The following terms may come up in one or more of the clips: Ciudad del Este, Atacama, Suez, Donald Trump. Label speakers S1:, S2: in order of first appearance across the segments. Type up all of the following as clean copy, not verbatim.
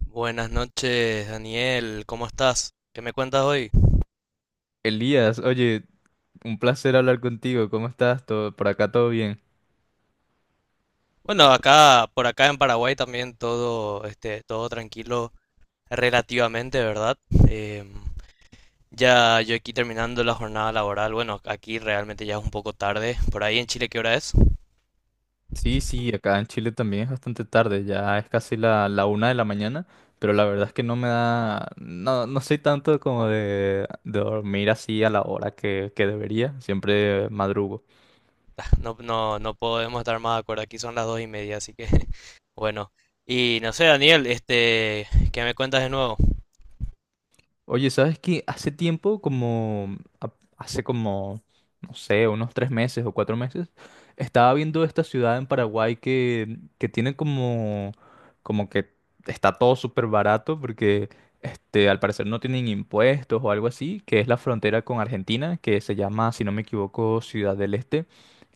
S1: Buenas noches, Daniel. ¿Cómo estás? ¿Qué me cuentas hoy?
S2: Elías, oye, un placer hablar contigo. ¿Cómo estás? ¿Todo, por acá todo bien?
S1: Bueno, acá, por acá en Paraguay también todo, todo tranquilo relativamente, ¿verdad? Em, ya yo aquí terminando la jornada laboral. Bueno, aquí realmente ya es un poco tarde. Por ahí en Chile, ¿qué hora es?
S2: Sí, sí, acá en Chile también es bastante tarde, ya es casi la, 1 de la mañana, pero la verdad es que no me da, no, no soy tanto como de, dormir así a la hora que debería, siempre madrugo.
S1: Ah, No, no, no podemos estar más de acuerdo. Aquí son las dos y media, así que bueno. Y no sé, Daniel, ¿qué me cuentas de nuevo?
S2: Oye, ¿sabes qué? Hace tiempo, hace como, no sé, unos 3 meses o 4 meses, estaba viendo esta ciudad en Paraguay que tiene como que está todo súper barato porque al parecer no tienen impuestos o algo así, que es la frontera con Argentina, que se llama, si no me equivoco, Ciudad del Este.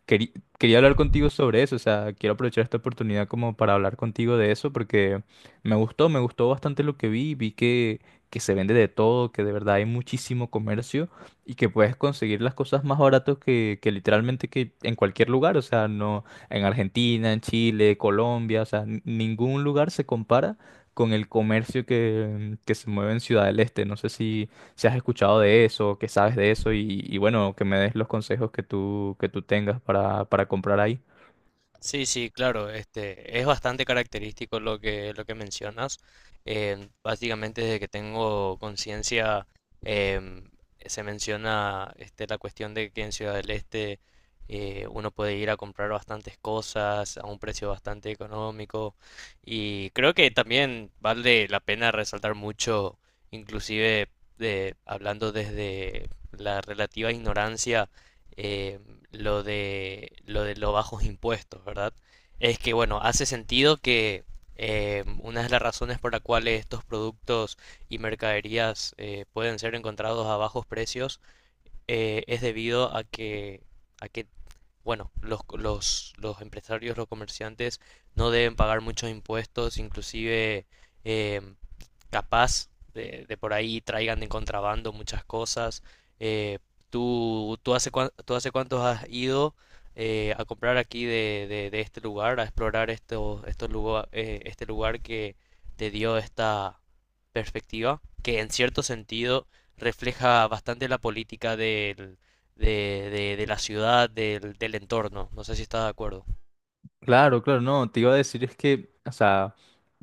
S2: Queri- quería hablar contigo sobre eso, o sea, quiero aprovechar esta oportunidad como para hablar contigo de eso porque me gustó bastante lo que vi, que se vende de todo, que de verdad hay muchísimo comercio y que puedes conseguir las cosas más baratas que literalmente que en cualquier lugar, o sea, no en Argentina, en Chile, Colombia, o sea, ningún lugar se compara con el comercio que se mueve en Ciudad del Este. No sé si si has escuchado de eso, qué sabes de eso y bueno, que me des los consejos que tú tengas para comprar ahí.
S1: Sí, sí, claro, es bastante característico lo que mencionas. Básicamente desde que tengo conciencia em, se menciona, este, la cuestión de que en Ciudad del Este uno puede ir a comprar bastantes cosas a un precio bastante económico, y creo que también vale la pena resaltar mucho, inclusive, hablando desde la relativa ignorancia, eh, lo de los bajos impuestos, ¿verdad? Es que, bueno, hace sentido que una de las razones por la cual estos productos y mercaderías pueden ser encontrados a bajos precios es debido a que, bueno, los empresarios, los comerciantes no deben pagar muchos impuestos, inclusive eh, capaz de por ahí traigan de contrabando muchas cosas. Eh, ¿tú tú hace cuántos has ido a comprar aquí de este lugar, a explorar este lugar que te dio esta perspectiva, que en cierto sentido refleja bastante la política de la ciudad, del entorno. No sé si estás de acuerdo.
S2: Claro, claro, no, te iba a decir es que, o sea,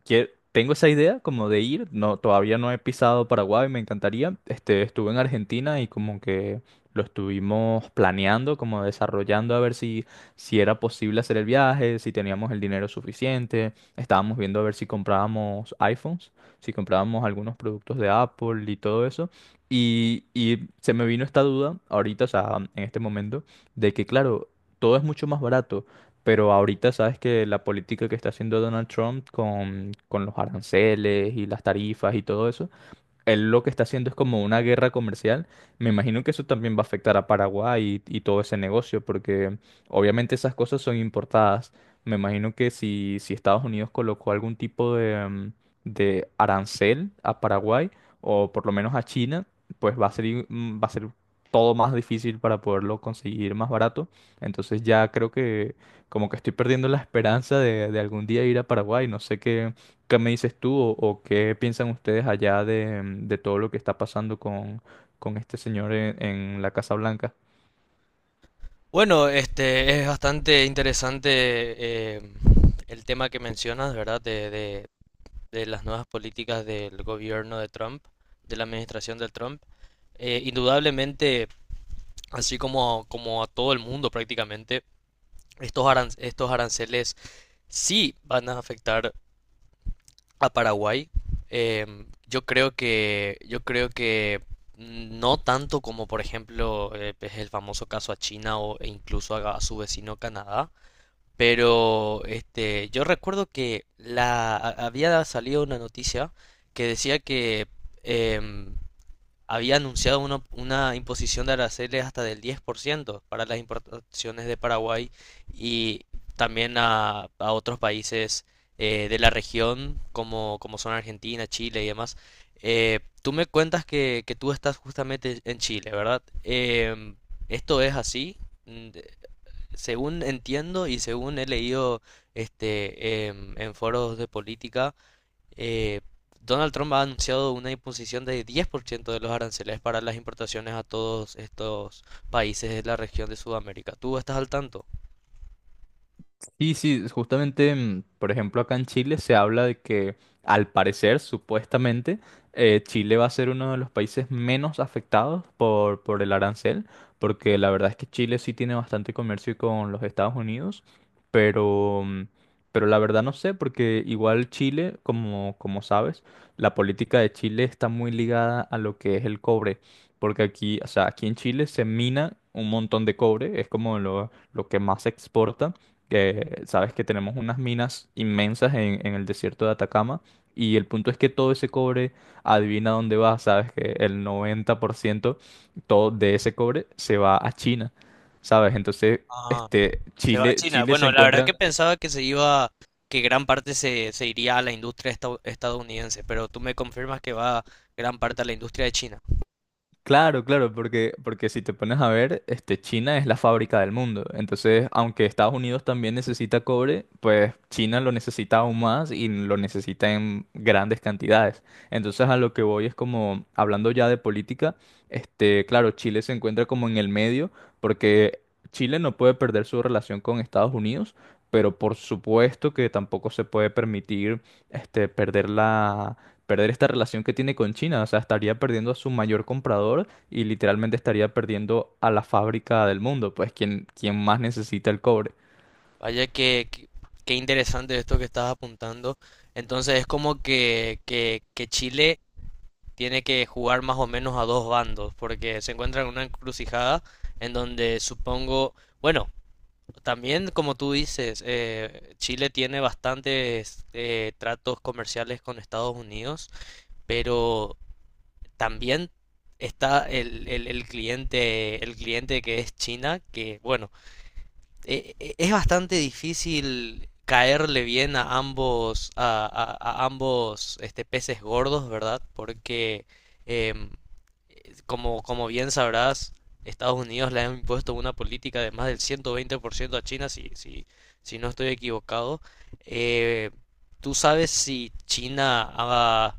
S2: tengo esa idea como de ir, no, todavía no he pisado Paraguay, me encantaría. Estuve en Argentina y como que lo estuvimos planeando, como desarrollando a ver si era posible hacer el viaje, si teníamos el dinero suficiente. Estábamos viendo a ver si comprábamos iPhones, si comprábamos algunos productos de Apple y todo eso. Y se me vino esta duda ahorita, o sea, en este momento, de que claro, todo es mucho más barato. Pero ahorita sabes que la política que está haciendo Donald Trump con, los aranceles y las tarifas y todo eso, él lo que está haciendo es como una guerra comercial. Me imagino que eso también va a afectar a Paraguay y, todo ese negocio, porque obviamente esas cosas son importadas. Me imagino que si Estados Unidos colocó algún tipo de arancel a Paraguay, o por lo menos a China, pues va a ser todo más difícil para poderlo conseguir más barato. Entonces ya creo que como que estoy perdiendo la esperanza de, algún día ir a Paraguay. No sé qué. ¿Qué me dices tú o, qué piensan ustedes allá de todo lo que está pasando con, este señor en la Casa Blanca?
S1: Bueno, este es bastante interesante, eh, el tema que mencionas, ¿verdad? De las nuevas políticas del gobierno de Trump, de la administración de Trump. Indudablemente, así como, como a todo el mundo prácticamente, estos aranceles sí van a afectar a Paraguay. Yo creo que no tanto como, por ejemplo, es el famoso caso a China o, e incluso a su vecino Canadá. Pero, este, yo recuerdo que había salido una noticia que decía que, em, había anunciado una imposición de aranceles hasta del 10% para las importaciones de Paraguay y también a otros países, de la región como, como son Argentina, Chile y demás. Tú me cuentas que tú estás justamente en Chile, ¿verdad? Em, ¿esto es así? Mm, de- Según entiendo y según he leído, en foros de política, eh, Donald Trump ha anunciado una imposición de 10% de los aranceles para las importaciones a todos estos países de la región de Sudamérica. ¿Tú estás al tanto?
S2: Sí, sí, justamente, por ejemplo, acá en Chile se habla de que, al parecer, supuestamente, Chile va a ser uno de los países menos afectados por el arancel, porque la verdad es que Chile sí tiene bastante comercio con los Estados Unidos, pero, mm, pero la verdad no sé, porque igual Chile, como sabes, la política de Chile está muy ligada a lo que es el cobre, porque aquí, o sea, aquí en Chile se mina un montón de cobre, es como lo, que más se exporta, que sabes que tenemos unas minas inmensas en el desierto de Atacama, y el punto es que todo ese cobre, adivina dónde va, sabes que el 90% todo de ese cobre se va a China, ¿sabes? Entonces,
S1: Ah,
S2: este,
S1: se va a
S2: Chile,
S1: China.
S2: Chile se
S1: Bueno, la verdad que
S2: encuentra...
S1: pensaba que se iba, que gran parte se iría a la industria estadounidense, pero tú me confirmas que va gran parte a la industria de China.
S2: Claro, claro, porque si te pones a ver, China es la fábrica del mundo. Entonces, aunque Estados Unidos también necesita cobre, pues China lo necesita aún más y lo necesita en grandes cantidades. Entonces, a lo que voy es como, hablando ya de política, claro, Chile se encuentra como en el medio, porque Chile no puede perder su relación con Estados Unidos, pero por supuesto que tampoco se puede permitir, este, perder la perder esta relación que tiene con China. O sea, estaría perdiendo a su mayor comprador y literalmente estaría perdiendo a la fábrica del mundo, pues quien más necesita el cobre.
S1: Vaya, qué interesante esto que estás apuntando. Entonces es como que Chile tiene que jugar más o menos a dos bandos, porque se encuentra en una encrucijada en donde supongo, bueno, también como tú dices, Chile tiene bastantes, tratos comerciales con Estados Unidos, pero también está el cliente que es China, que, bueno, es bastante difícil caerle bien a ambos, a ambos, este, peces gordos, ¿verdad? Porque, em, como, como bien sabrás, Estados Unidos le ha impuesto una política de más del 120% a China, si no estoy equivocado. Eh, ¿Tú sabes si China ha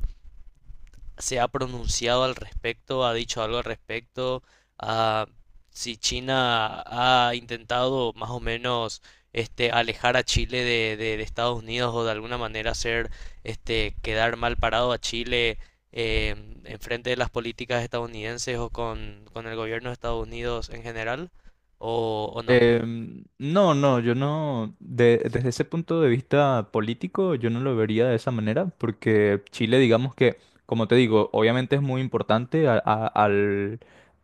S1: se ha pronunciado al respecto, ha dicho algo al respecto, a si China ha intentado más o menos, este, alejar a Chile de Estados Unidos, o de alguna manera hacer, este, quedar mal parado a Chile, eh, en frente de las políticas estadounidenses o con el gobierno de Estados Unidos en general, o no.
S2: No, no, yo no, desde ese punto de vista político, yo no lo vería de esa manera, porque Chile, digamos que, como te digo, obviamente es muy importante a- a- al,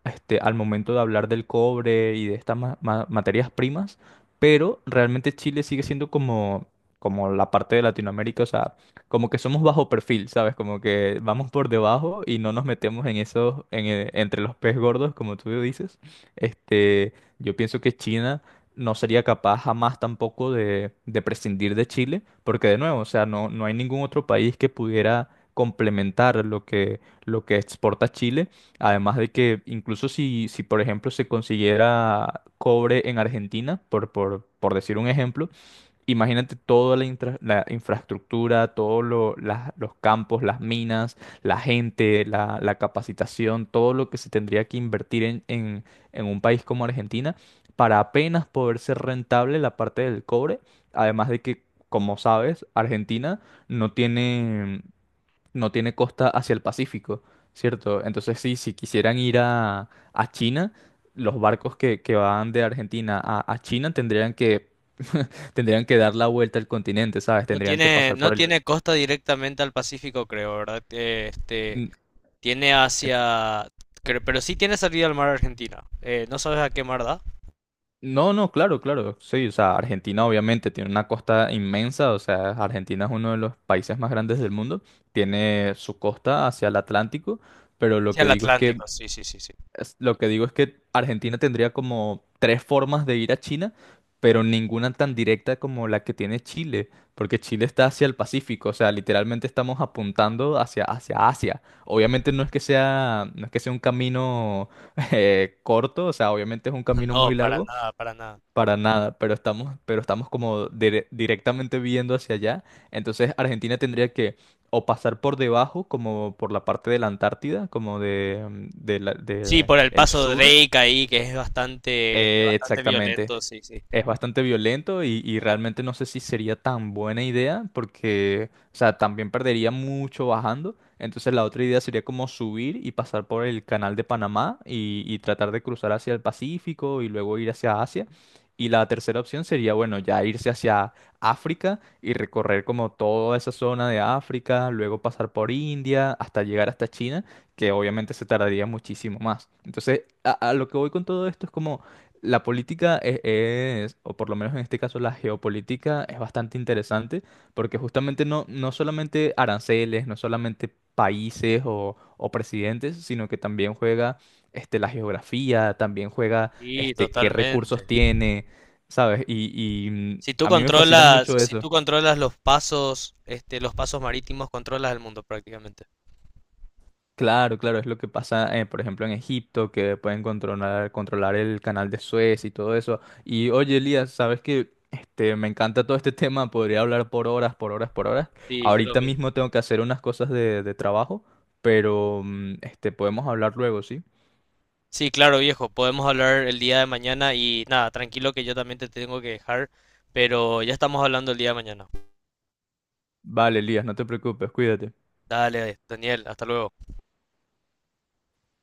S2: este, al momento de hablar del cobre y de estas materias primas, pero realmente Chile sigue siendo como la parte de Latinoamérica, o sea, como que somos bajo perfil, ¿sabes? Como que vamos por debajo y no nos metemos entre los pez gordos, como tú dices. Este... Yo pienso que China no sería capaz jamás tampoco de prescindir de Chile, porque de nuevo, o sea, no, no hay ningún otro país que pudiera complementar lo que, exporta Chile, además de que incluso si por ejemplo se consiguiera cobre en Argentina, por decir un ejemplo, imagínate toda la infraestructura, todos los campos, las minas, la gente, la capacitación, todo lo que se tendría que invertir en, en un país como Argentina para apenas poder ser rentable la parte del cobre. Además de que, como sabes, Argentina no tiene, no tiene costa hacia el Pacífico, ¿cierto? Entonces, sí, si quisieran ir a, China, los barcos que van de Argentina a China tendrían que tendrían que dar la vuelta al continente, ¿sabes?
S1: No
S2: Tendrían que
S1: tiene,
S2: pasar
S1: no
S2: por el...
S1: tiene costa directamente al Pacífico, creo, ¿verdad?
S2: Mm,
S1: Tiene
S2: es-
S1: hacia... Pero sí tiene salida al mar Argentina. ¿No sabes a qué mar da?
S2: No, no, claro, claro, sí, o sea, Argentina obviamente tiene una costa inmensa, o sea, Argentina es uno de los países más grandes del mundo, tiene su costa hacia el Atlántico, pero lo
S1: Sí,
S2: que
S1: al
S2: digo es que
S1: Atlántico, sí, sí, sí, sí.
S2: es- lo que digo es que Argentina tendría como tres formas de ir a China, pero ninguna tan directa como la que tiene Chile, porque Chile está hacia el Pacífico, o sea, literalmente estamos apuntando hacia Asia. Obviamente no es que sea un camino corto, o sea, obviamente es un camino
S1: No,
S2: muy
S1: para
S2: largo,
S1: nada, para nada.
S2: para nada, pero estamos como directamente viendo hacia allá. Entonces Argentina tendría que o pasar por debajo, como por la parte de la Antártida, como de, mm, de la-
S1: Sí,
S2: de
S1: por el
S2: el
S1: paso
S2: sur.
S1: Drake ahí, que es bastante, este, bastante
S2: Exactamente.
S1: violento, sí, sí.
S2: Es bastante violento y, realmente no sé si sería tan buena idea porque, o sea, también perdería mucho bajando. Entonces la otra idea sería como subir y pasar por el canal de Panamá y tratar de cruzar hacia el Pacífico y luego ir hacia Asia. Y la tercera opción sería, bueno, ya irse hacia África y recorrer como toda esa zona de África, luego pasar por India hasta llegar hasta China, que obviamente se tardaría muchísimo más. Entonces, a lo que voy con todo esto es como... La política es, o por lo menos en este caso la geopolítica, es bastante interesante porque justamente no, no solamente aranceles, no solamente países o, presidentes, sino que también juega la geografía, también juega
S1: Sí,
S2: qué recursos
S1: totalmente.
S2: tiene, ¿sabes?
S1: Si tú
S2: A mí me fascina
S1: controlas,
S2: mucho
S1: si
S2: eso.
S1: tú controlas los pasos, este, los pasos marítimos, controlas el mundo prácticamente.
S2: Claro, claro, es lo que pasa, por ejemplo, en Egipto, que pueden controlar el canal de Suez y todo eso. Y oye, Elías, sabes que me encanta todo este tema, podría hablar por horas, por horas, por horas.
S1: Sí, yo lo
S2: Ahorita
S1: mismo.
S2: mismo tengo que hacer unas cosas de trabajo, pero podemos hablar luego, ¿sí?
S1: Sí, claro, viejo. Podemos hablar el día de mañana y nada, tranquilo que yo también te tengo que dejar, pero ya estamos hablando el día de mañana.
S2: Vale, Elías, no te preocupes, cuídate.
S1: Dale, Daniel, hasta luego.